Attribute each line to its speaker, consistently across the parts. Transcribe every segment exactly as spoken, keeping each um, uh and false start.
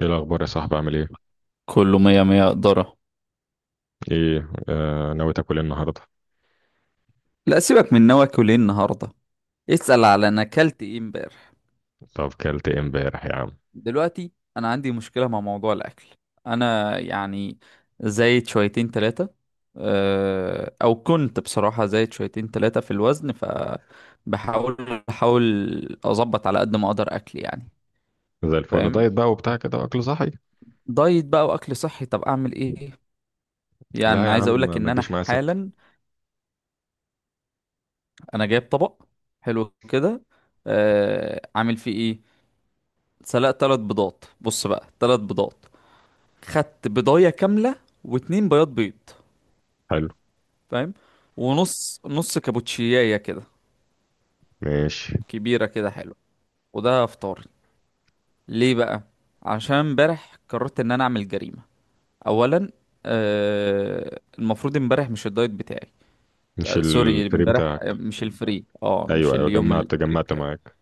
Speaker 1: ايه الاخبار يا صاحبي، عامل ايه؟
Speaker 2: كله مية مية قدرة.
Speaker 1: ايه، آه ناوي تاكل ايه النهارده؟
Speaker 2: لا سيبك من نواكل ايه النهارده، اسأل على انا اكلت ايه امبارح.
Speaker 1: طب كلت ايه امبارح يا عم؟
Speaker 2: دلوقتي انا عندي مشكلة مع موضوع الاكل. انا يعني زايد شويتين تلاتة. أه، او كنت بصراحة زايد شويتين تلاتة في الوزن، فبحاول بحاول اظبط على قد ما اقدر اكل يعني.
Speaker 1: زي الفل،
Speaker 2: فاهم.
Speaker 1: دايت بقى وبتاع كده، اكل صحي.
Speaker 2: دايت بقى واكل صحي، طب اعمل ايه؟
Speaker 1: لا
Speaker 2: يعني
Speaker 1: يا
Speaker 2: عايز
Speaker 1: عم،
Speaker 2: اقولك ان
Speaker 1: ما
Speaker 2: انا
Speaker 1: تجيش معايا سكه.
Speaker 2: حالا انا جايب طبق حلو كده. أه، عامل فيه ايه؟ سلقت تلات بيضات، بص بقى، تلات بيضات، خدت بيضاية كاملة واتنين بياض بيض،
Speaker 1: حلو.
Speaker 2: فاهم؟ ونص نص كابوتشياية كده
Speaker 1: ماشي.
Speaker 2: كبيرة كده، حلو. وده فطاري. ليه بقى؟ عشان امبارح قررت ان انا اعمل جريمة. اولا آه، المفروض امبارح مش الدايت بتاعي.
Speaker 1: مش
Speaker 2: تا- سوري
Speaker 1: الفري
Speaker 2: امبارح، آه،
Speaker 1: بتاعك؟
Speaker 2: مش الفري، اه مش
Speaker 1: ايوه ايوه،
Speaker 2: اليوم
Speaker 1: جمعت
Speaker 2: الفري
Speaker 1: جمعت
Speaker 2: بتاعي.
Speaker 1: معاك.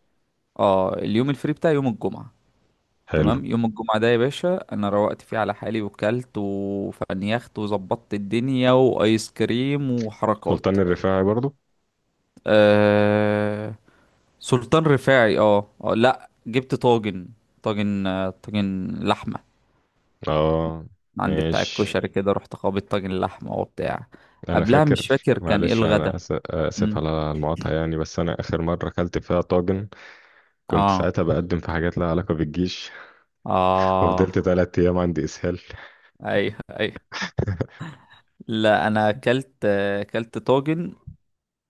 Speaker 2: اه، اليوم الفري بتاعي يوم الجمعة.
Speaker 1: حلو.
Speaker 2: تمام، يوم الجمعة ده يا باشا أنا روقت فيه على حالي، وكلت وفنيخت وظبطت الدنيا، وآيس كريم وحركات.
Speaker 1: سلطان الرفاعي برضو؟
Speaker 2: أه... سلطان رفاعي، اه، آه، لأ جبت طاجن. طاجن، آه، طاجن لحمة.
Speaker 1: اه.
Speaker 2: عند بتاع
Speaker 1: ماشي.
Speaker 2: الكشري كده، رحت خابط طاجن لحمة وبتاع.
Speaker 1: انا
Speaker 2: قبلها
Speaker 1: فاكر،
Speaker 2: مش فاكر كان ايه
Speaker 1: معلش انا
Speaker 2: الغدا.
Speaker 1: آس- اسف
Speaker 2: مم.
Speaker 1: على المقاطعه يعني، بس انا اخر مره اكلت فيها طاجن كنت
Speaker 2: اه،
Speaker 1: ساعتها بقدم في حاجات لها علاقه بالجيش
Speaker 2: اه،
Speaker 1: ففضلت ثلاث ايام عندي اسهال.
Speaker 2: ايوه ايوه، لا انا اكلت، اكلت طاجن.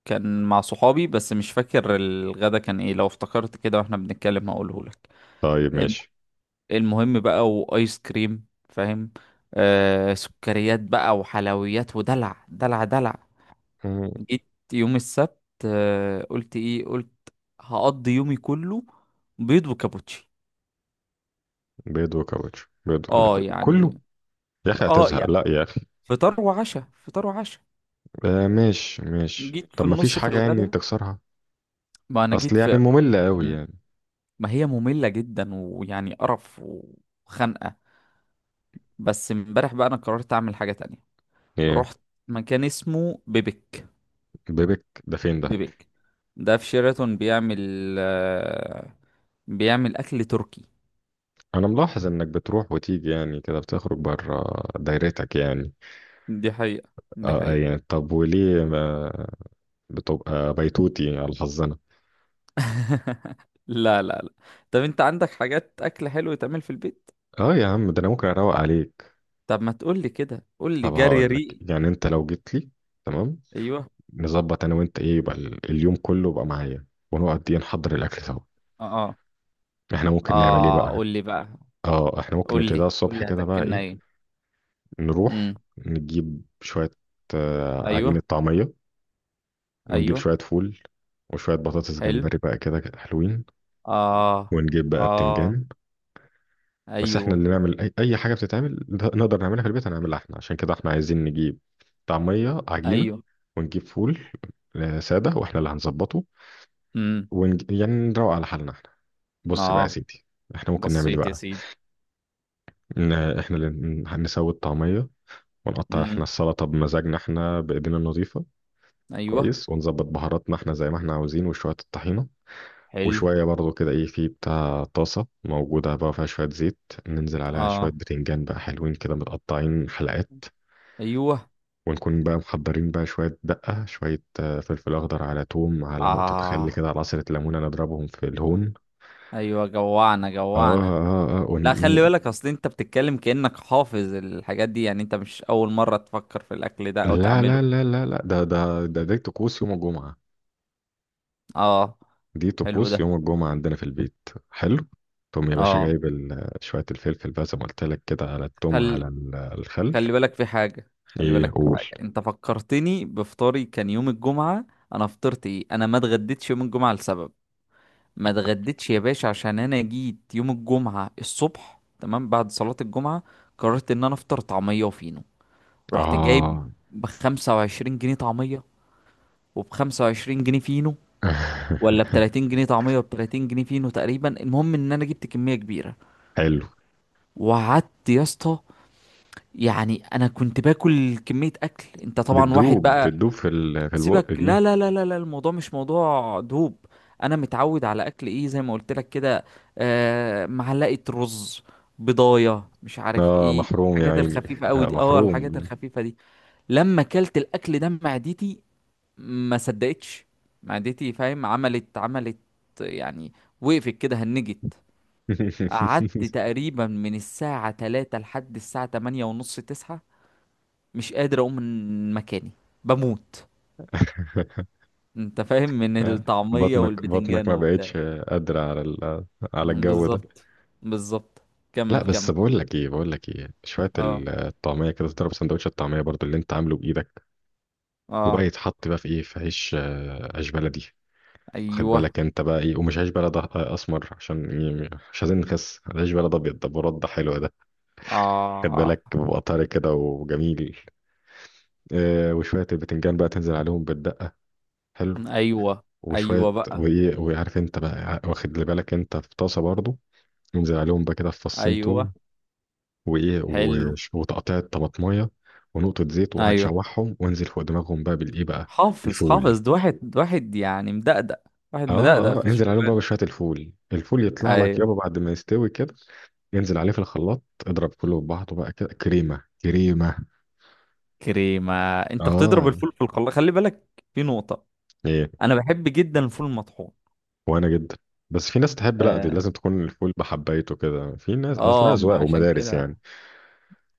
Speaker 2: كان مع صحابي، بس مش فاكر الغدا كان ايه، لو افتكرت كده واحنا بنتكلم هقوله لك.
Speaker 1: طيب
Speaker 2: الم-
Speaker 1: ماشي.
Speaker 2: المهم بقى، وايس كريم، فاهم، آه سكريات بقى وحلويات ودلع دلع دلع. جيت يوم السبت، آه، قلت ايه؟ قلت هقضي يومي كله بيض وكابوتشي.
Speaker 1: بيض وكاوتش، بيض اللي
Speaker 2: اه
Speaker 1: كل- كله.
Speaker 2: يعني،
Speaker 1: يا اخي
Speaker 2: اه
Speaker 1: هتزهق،
Speaker 2: يعني
Speaker 1: لا يا اخي.
Speaker 2: فطار وعشاء، فطار وعشاء.
Speaker 1: آه ماشي ماشي،
Speaker 2: جيت في
Speaker 1: طب ما فيش
Speaker 2: النص في
Speaker 1: حاجة يعني
Speaker 2: الغدا،
Speaker 1: تكسرها؟
Speaker 2: ما انا
Speaker 1: اصل
Speaker 2: جيت
Speaker 1: يعني
Speaker 2: في،
Speaker 1: مملة قوي يعني.
Speaker 2: ما هي مملة جدا ويعني قرف وخنقة. بس امبارح بقى انا قررت اعمل حاجة تانية.
Speaker 1: ايه؟
Speaker 2: رحت مكان اسمه بيبك.
Speaker 1: بيبك ده فين ده؟
Speaker 2: بيبك ده في شيراتون، بيعمل، آه، بيعمل اكل تركي.
Speaker 1: انا ملاحظ انك بتروح وتيجي يعني كده، بتخرج بره دايرتك يعني.
Speaker 2: دي حقيقة دي
Speaker 1: اه آه،
Speaker 2: حقيقة.
Speaker 1: يعني طب وليه ما بتبقى بيتوتي على حظنا؟
Speaker 2: لا لا لا. طب انت عندك حاجات اكل حلو يتعمل في البيت؟
Speaker 1: اه يا عم، ده انا ممكن اروق عليك.
Speaker 2: طب ما تقول لي كده، قول لي
Speaker 1: طب
Speaker 2: جري
Speaker 1: هقول لك،
Speaker 2: ريق.
Speaker 1: يعني انت لو جيت لي تمام،
Speaker 2: ايوه،
Speaker 1: نظبط انا وانت ايه، يبقى ال- اليوم كله يبقى معايا، ونقعد دي نحضر الاكل سوا.
Speaker 2: اه،
Speaker 1: احنا
Speaker 2: اه،
Speaker 1: ممكن نعمل ايه
Speaker 2: آه،
Speaker 1: بقى؟
Speaker 2: قول لي بقى.
Speaker 1: اه احنا ممكن
Speaker 2: قول
Speaker 1: نبتديها
Speaker 2: لي قول
Speaker 1: الصبح
Speaker 2: لي
Speaker 1: كده بقى،
Speaker 2: هتاكلنا
Speaker 1: ايه،
Speaker 2: ايه؟
Speaker 1: نروح
Speaker 2: امم،
Speaker 1: نجيب شوية آه،
Speaker 2: ايوه،
Speaker 1: عجينة طعمية، ونجيب
Speaker 2: ايوه،
Speaker 1: شوية فول، وشوية بطاطس
Speaker 2: حلو،
Speaker 1: جمبري بقى كده حلوين،
Speaker 2: اه،
Speaker 1: ونجيب بقى
Speaker 2: اه،
Speaker 1: بتنجان. بس احنا
Speaker 2: ايوه،
Speaker 1: اللي نعمل اي, أي حاجة بتتعمل ده- نقدر نعملها في البيت هنعملها احنا، عشان كده احنا عايزين نجيب طعمية عجينة،
Speaker 2: ايوه،
Speaker 1: ونجيب فول آه، سادة، واحنا اللي هنظبطه.
Speaker 2: امم،
Speaker 1: ونج... يعني نروق على حالنا احنا. بص بقى يا
Speaker 2: اه،
Speaker 1: سيدي. احنا ممكن نعمل ايه
Speaker 2: بسيط يا
Speaker 1: بقى؟
Speaker 2: سيدي.
Speaker 1: إن احنا اللي نسوي الطعمية، ونقطع احنا
Speaker 2: امم،
Speaker 1: السلطة بمزاجنا احنا بإيدينا النظيفة.
Speaker 2: ايوه،
Speaker 1: كويس، ونظبط بهاراتنا احنا زي ما احنا عاوزين، وشوية الطحينة،
Speaker 2: حلو،
Speaker 1: وشوية برضو كده ايه، في بتاع طاسة موجودة بقى فيها شوية زيت، ننزل عليها شوية
Speaker 2: اه،
Speaker 1: بتنجان بقى حلوين كده متقطعين حلقات،
Speaker 2: ايوه،
Speaker 1: ونكون بقى محضرين بقى شوية دقة، شوية آه، فلفل أخضر، على توم، على نقطة خل
Speaker 2: اه،
Speaker 1: كده، على عصرة ليمونة، نضربهم في الهون.
Speaker 2: ايوه جوعنا
Speaker 1: اه
Speaker 2: جوعنا.
Speaker 1: اه اه
Speaker 2: لا
Speaker 1: وني...
Speaker 2: خلي بالك، اصل انت بتتكلم كأنك حافظ الحاجات دي، يعني انت مش اول مرة تفكر في الاكل ده او
Speaker 1: لا
Speaker 2: تعمله.
Speaker 1: لا لا لا لا، ده ده ده ده طقوس يوم الجمعة.
Speaker 2: اه،
Speaker 1: دي
Speaker 2: حلو
Speaker 1: طقوس
Speaker 2: ده،
Speaker 1: يوم الجمعة عندنا في البيت. حلو. تقوم يا باشا
Speaker 2: اه.
Speaker 1: جايب ال- شوية الفلفل بقى، زي ما قلت لك كده، على التوم،
Speaker 2: خل...
Speaker 1: على ال- الخل.
Speaker 2: خلي بالك في حاجة، خلي
Speaker 1: ايه
Speaker 2: بالك في
Speaker 1: قول.
Speaker 2: حاجة، انت فكرتني بفطاري كان يوم الجمعة. انا فطرت ايه؟ انا ما اتغديتش يوم الجمعة لسبب. ما اتغديتش يا باشا عشان انا جيت يوم الجمعة الصبح، تمام، بعد صلاة الجمعة قررت ان انا افطر طعمية وفينو. رحت جايب
Speaker 1: اه
Speaker 2: بخمسة وعشرين جنيه طعمية وبخمسة وعشرين جنيه فينو، ولا بتلاتين جنيه طعمية وبتلاتين جنيه فينو تقريبا. المهم ان انا جبت كمية كبيرة،
Speaker 1: حلو.
Speaker 2: وقعدت يا اسطى. يعني انا كنت باكل كمية اكل، انت طبعا واحد
Speaker 1: بتدوب
Speaker 2: بقى،
Speaker 1: بتدوب في ال... في البق
Speaker 2: سيبك. لا
Speaker 1: دي.
Speaker 2: لا لا لا لا، الموضوع مش موضوع دوب، انا متعود على اكل ايه زي ما قلت لك كده، آه معلقه رز، بضايه، مش عارف
Speaker 1: اه
Speaker 2: ايه
Speaker 1: محروم يا
Speaker 2: الحاجات، والله
Speaker 1: عيني،
Speaker 2: الخفيفه قوي
Speaker 1: آه
Speaker 2: دي، اه الحاجات
Speaker 1: محروم.
Speaker 2: الخفيفه دي. لما كلت الاكل ده معدتي ما صدقتش. معدتي فاهم، عملت عملت يعني، وقفت كده هنجت. قعدت تقريبا من الساعه تلاتة لحد الساعه تمانية ونص تسعة، مش قادر اقوم من مكاني، بموت، انت فاهم، من الطعمية
Speaker 1: بطنك بطنك
Speaker 2: والبتنجان
Speaker 1: ما
Speaker 2: وبتاع.
Speaker 1: بقتش قادرة على ال... على الجو ده.
Speaker 2: بالظبط، بالظبط.
Speaker 1: لا
Speaker 2: كمل
Speaker 1: بس
Speaker 2: كمل.
Speaker 1: بقول لك ايه، بقول لك ايه، شوية
Speaker 2: اه،
Speaker 1: الطعمية كده تضرب سندوتش الطعمية برضو اللي انت عامله بإيدك. وبقى
Speaker 2: اه،
Speaker 1: يتحط بقى في ايه، في عيش آه، عيش بلدي. واخد
Speaker 2: ايوه،
Speaker 1: بالك انت بقى ايه، ومش عيش بلد أه- اسمر، عشان إيه، مش عايزين نخس، عيش بلد ابيض ده برد ده حلو ده. خد
Speaker 2: اه،
Speaker 1: بالك بيبقى طري كده وجميل. آه وشويه البتنجان بقى تنزل عليهم بالدقه. حلو.
Speaker 2: ايوه، ايوه
Speaker 1: وشويه
Speaker 2: بقى،
Speaker 1: وايه، وعارف انت بقى ع- واخد لي بالك انت في طاسه برضو. ينزل عليهم بقى كده في فصين توم،
Speaker 2: ايوه،
Speaker 1: وايه
Speaker 2: حلو،
Speaker 1: وش- وتقطيع طماطميه، ونقطه زيت،
Speaker 2: ايوه،
Speaker 1: وهتشوحهم وانزل فوق دماغهم بقى بالايه بقى.
Speaker 2: حافظ
Speaker 1: الفول.
Speaker 2: حافظ. ده واحد ده واحد يعني مدقدق، واحد مدقدق
Speaker 1: اه اه،
Speaker 2: في
Speaker 1: انزل عليهم بقى
Speaker 2: الشغلانة.
Speaker 1: بشوية الفول، الفول يطلع لك
Speaker 2: ايوه،
Speaker 1: يابا بعد ما يستوي كده، انزل عليه في الخلاط اضرب كله في بعضه بقى كده، كريمة كريمة.
Speaker 2: كريمة. انت بتضرب
Speaker 1: اه.
Speaker 2: الفول في الخلاط؟ خلي بالك، في نقطة،
Speaker 1: ايه؟
Speaker 2: انا بحب جدا الفول المطحون.
Speaker 1: وانا جدا. بس في ناس تحب، لا دي
Speaker 2: اه،
Speaker 1: لازم تكون الفول بحبايته كده، في ناس اصلا
Speaker 2: اه، ما
Speaker 1: اذواق
Speaker 2: عشان
Speaker 1: ومدارس
Speaker 2: كده،
Speaker 1: يعني.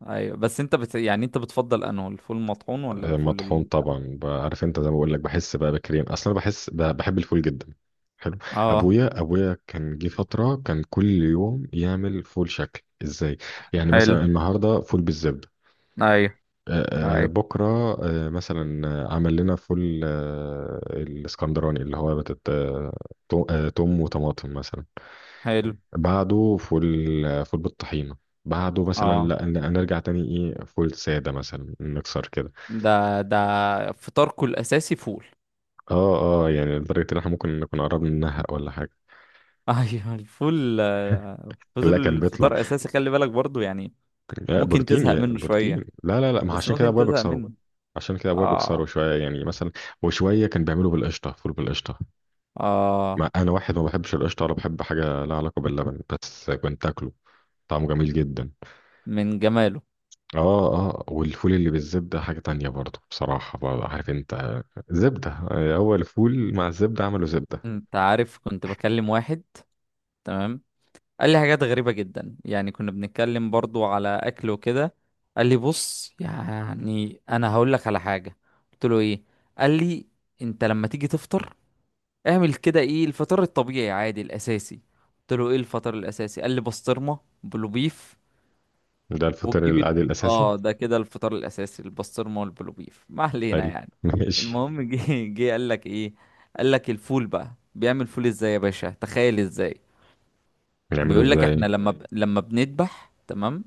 Speaker 2: ايوه. بس انت بت... يعني انت بتفضل انه الفول المطحون ولا
Speaker 1: آه، مطحون
Speaker 2: الفول؟
Speaker 1: طبعا بقى، عارف انت زي ما بقول لك بحس بقى بكريم اصلا، بحس ب- بحب الفول جدا. حلو.
Speaker 2: اه،
Speaker 1: ابويا ابويا كان جه فترة كان كل يوم يعمل فول، شكل ازاي. يعني
Speaker 2: حلو،
Speaker 1: مثلا النهارده فول بالزبدة،
Speaker 2: ايوه،
Speaker 1: آه، آه،
Speaker 2: ايوه،
Speaker 1: بكرة آه، مثلا آه، عمل لنا فول آه، الاسكندراني اللي هو بتت... آه، تو- آه، توم وطماطم مثلا.
Speaker 2: حلو،
Speaker 1: بعده فول آه، فول بالطحينة. بعده مثلا
Speaker 2: اه.
Speaker 1: لا ن- نرجع تاني، ايه، فول سادة مثلا، نكسر كده.
Speaker 2: ده ده فطاركو الاساسي فول.
Speaker 1: اه اه يعني لدرجة ان احنا ممكن نكون قربنا ننهق ولا حاجة.
Speaker 2: ايوه الفول، آه،
Speaker 1: لا كان
Speaker 2: فضل
Speaker 1: بيطلع
Speaker 2: فطار اساسي، خلي بالك برضو يعني.
Speaker 1: آه،
Speaker 2: ممكن
Speaker 1: بروتين
Speaker 2: تزهق
Speaker 1: يا
Speaker 2: منه شوية،
Speaker 1: بروتين. لا لا لا، ما
Speaker 2: بس
Speaker 1: عشان كده
Speaker 2: ممكن
Speaker 1: ابويا
Speaker 2: تزهق
Speaker 1: بيكسره.
Speaker 2: منه.
Speaker 1: عشان كده ابويا بيكسره
Speaker 2: اه،
Speaker 1: شوية يعني مثلا، وشوية كان بيعمله بالقشطة، فول بالقشطة.
Speaker 2: اه،
Speaker 1: ما انا واحد ما بحبش القشطه ولا بحب حاجه لها علاقه باللبن، بس كنت اكله، طعمه جميل جدا.
Speaker 2: من جماله.
Speaker 1: اه اه، والفول اللي بالزبده حاجه تانية برضه، بصراحه برضه، عارف انت، زبده، هو الفول مع الزبده عملوا زبده.
Speaker 2: انت عارف كنت بكلم واحد، تمام، قال لي حاجات غريبة جدا. يعني كنا بنتكلم برضو على أكل وكده، قال لي بص يعني أنا هقول لك على حاجة. قلت له إيه؟ قال لي أنت لما تيجي تفطر اعمل كده. إيه الفطار الطبيعي عادي الأساسي؟ قلت له إيه الفطار الأساسي؟ قال لي بسطرمة بلو بيف.
Speaker 1: ده الفطير
Speaker 2: وتجيب ال...
Speaker 1: العادي الاساسي.
Speaker 2: آه ده كده الفطار الأساسي، البسطرمة والبلو بيف. ما علينا
Speaker 1: حلو
Speaker 2: يعني.
Speaker 1: ماشي.
Speaker 2: المهم جه، جه قال لك إيه؟ قال لك الفول، بقى بيعمل فول إزاي يا باشا تخيل؟ إزاي؟
Speaker 1: بنعمله
Speaker 2: بيقول لك
Speaker 1: ازاي؟
Speaker 2: احنا لما ب... لما بنذبح، تمام،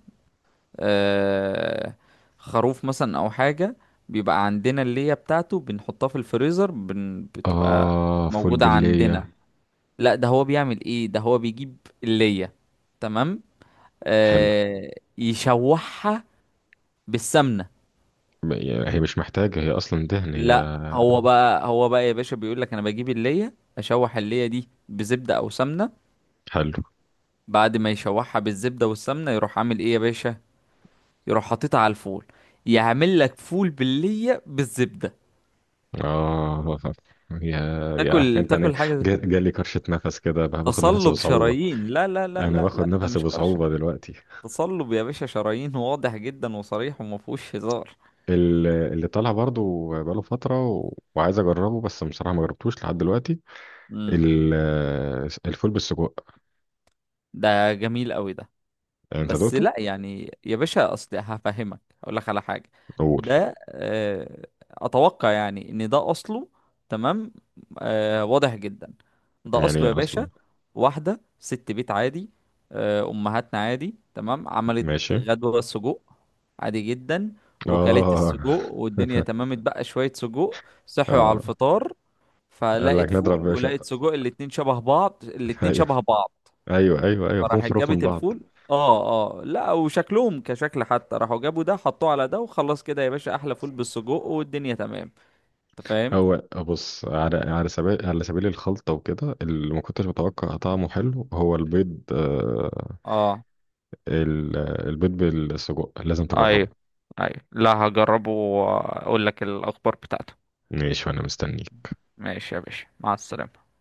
Speaker 2: آه... خروف مثلا او حاجه، بيبقى عندنا الليه بتاعته بنحطها في الفريزر، بن... بتبقى
Speaker 1: اه فول
Speaker 2: موجوده عندنا.
Speaker 1: بالليه.
Speaker 2: لا ده هو بيعمل ايه، ده هو بيجيب الليه، تمام،
Speaker 1: حلو
Speaker 2: آه... يشوحها بالسمنه.
Speaker 1: ب- يعني هي مش محتاجه، هي اصلا دهن هي.
Speaker 2: لا هو بقى، هو بقى يا باشا بيقول لك انا بجيب الليه، اشوح الليه دي بزبده او سمنه.
Speaker 1: حلو.
Speaker 2: بعد ما يشوحها بالزبده والسمنه يروح عامل ايه يا باشا؟ يروح حاططها على الفول، يعمل لك فول بالليه بالزبده.
Speaker 1: اه يا يا عارف
Speaker 2: تاكل
Speaker 1: انت، انا
Speaker 2: تاكل حاجه زي-
Speaker 1: جا- جالي كرشه، نفس كده، باخد نفس
Speaker 2: تصلب
Speaker 1: بصعوبه.
Speaker 2: شرايين. لا لا لا
Speaker 1: انا
Speaker 2: لا
Speaker 1: باخد
Speaker 2: لا، ده
Speaker 1: نفسي
Speaker 2: مش قرشه،
Speaker 1: بصعوبه دلوقتي.
Speaker 2: تصلب يا باشا شرايين، واضح جدا وصريح وما فيهوش هزار.
Speaker 1: ال- اللي طالع برضو بقاله فتره، و... وعايز اجربه بس بصراحه ما جربتوش لحد دلوقتي،
Speaker 2: امم،
Speaker 1: ال... الفول بالسجق.
Speaker 2: ده جميل قوي ده.
Speaker 1: انت
Speaker 2: بس
Speaker 1: دوقته؟
Speaker 2: لا يعني يا باشا، اصل هفهمك اقول لك على حاجه.
Speaker 1: قول.
Speaker 2: ده آه، اتوقع يعني ان ده اصله، تمام، آه، واضح جدا. ده
Speaker 1: يعني
Speaker 2: اصله يا
Speaker 1: ايه
Speaker 2: باشا
Speaker 1: اصله؟
Speaker 2: واحده ست بيت عادي، آه، امهاتنا عادي تمام عملت
Speaker 1: ماشي.
Speaker 2: غدوه سجق، عادي جدا، وكلت السجق
Speaker 1: اه
Speaker 2: والدنيا تمام، اتبقى شويه سجق. صحوا على
Speaker 1: اه
Speaker 2: الفطار،
Speaker 1: قال
Speaker 2: فلقت
Speaker 1: لك نضرب يا
Speaker 2: فول
Speaker 1: باشا؟
Speaker 2: ولقت سجق، الاتنين شبه بعض، الاتنين
Speaker 1: ايوه
Speaker 2: شبه بعض،
Speaker 1: ايوه ايوه ايوه فيهم
Speaker 2: فراحت
Speaker 1: حروف من
Speaker 2: جابت
Speaker 1: بعض.
Speaker 2: الفول. اه، اه، لا وشكلهم كشكل حتى، راحوا جابوا ده حطوه على ده وخلاص كده يا باشا، احلى فول بالسجق والدنيا تمام، انت فاهم.
Speaker 1: هو بص، على على سبيل على سبيل الخلطه وكده، اللي ما كنتش متوقع طعمه حلو هو البيض آه،
Speaker 2: اه،
Speaker 1: ال- البيض بالسجق لازم تجربه.
Speaker 2: ايوه، ايوه، لا هجربه واقول لك الاخبار بتاعته.
Speaker 1: ماشي وانا مستنيك.
Speaker 2: ماشي يا باشا، مع السلامة.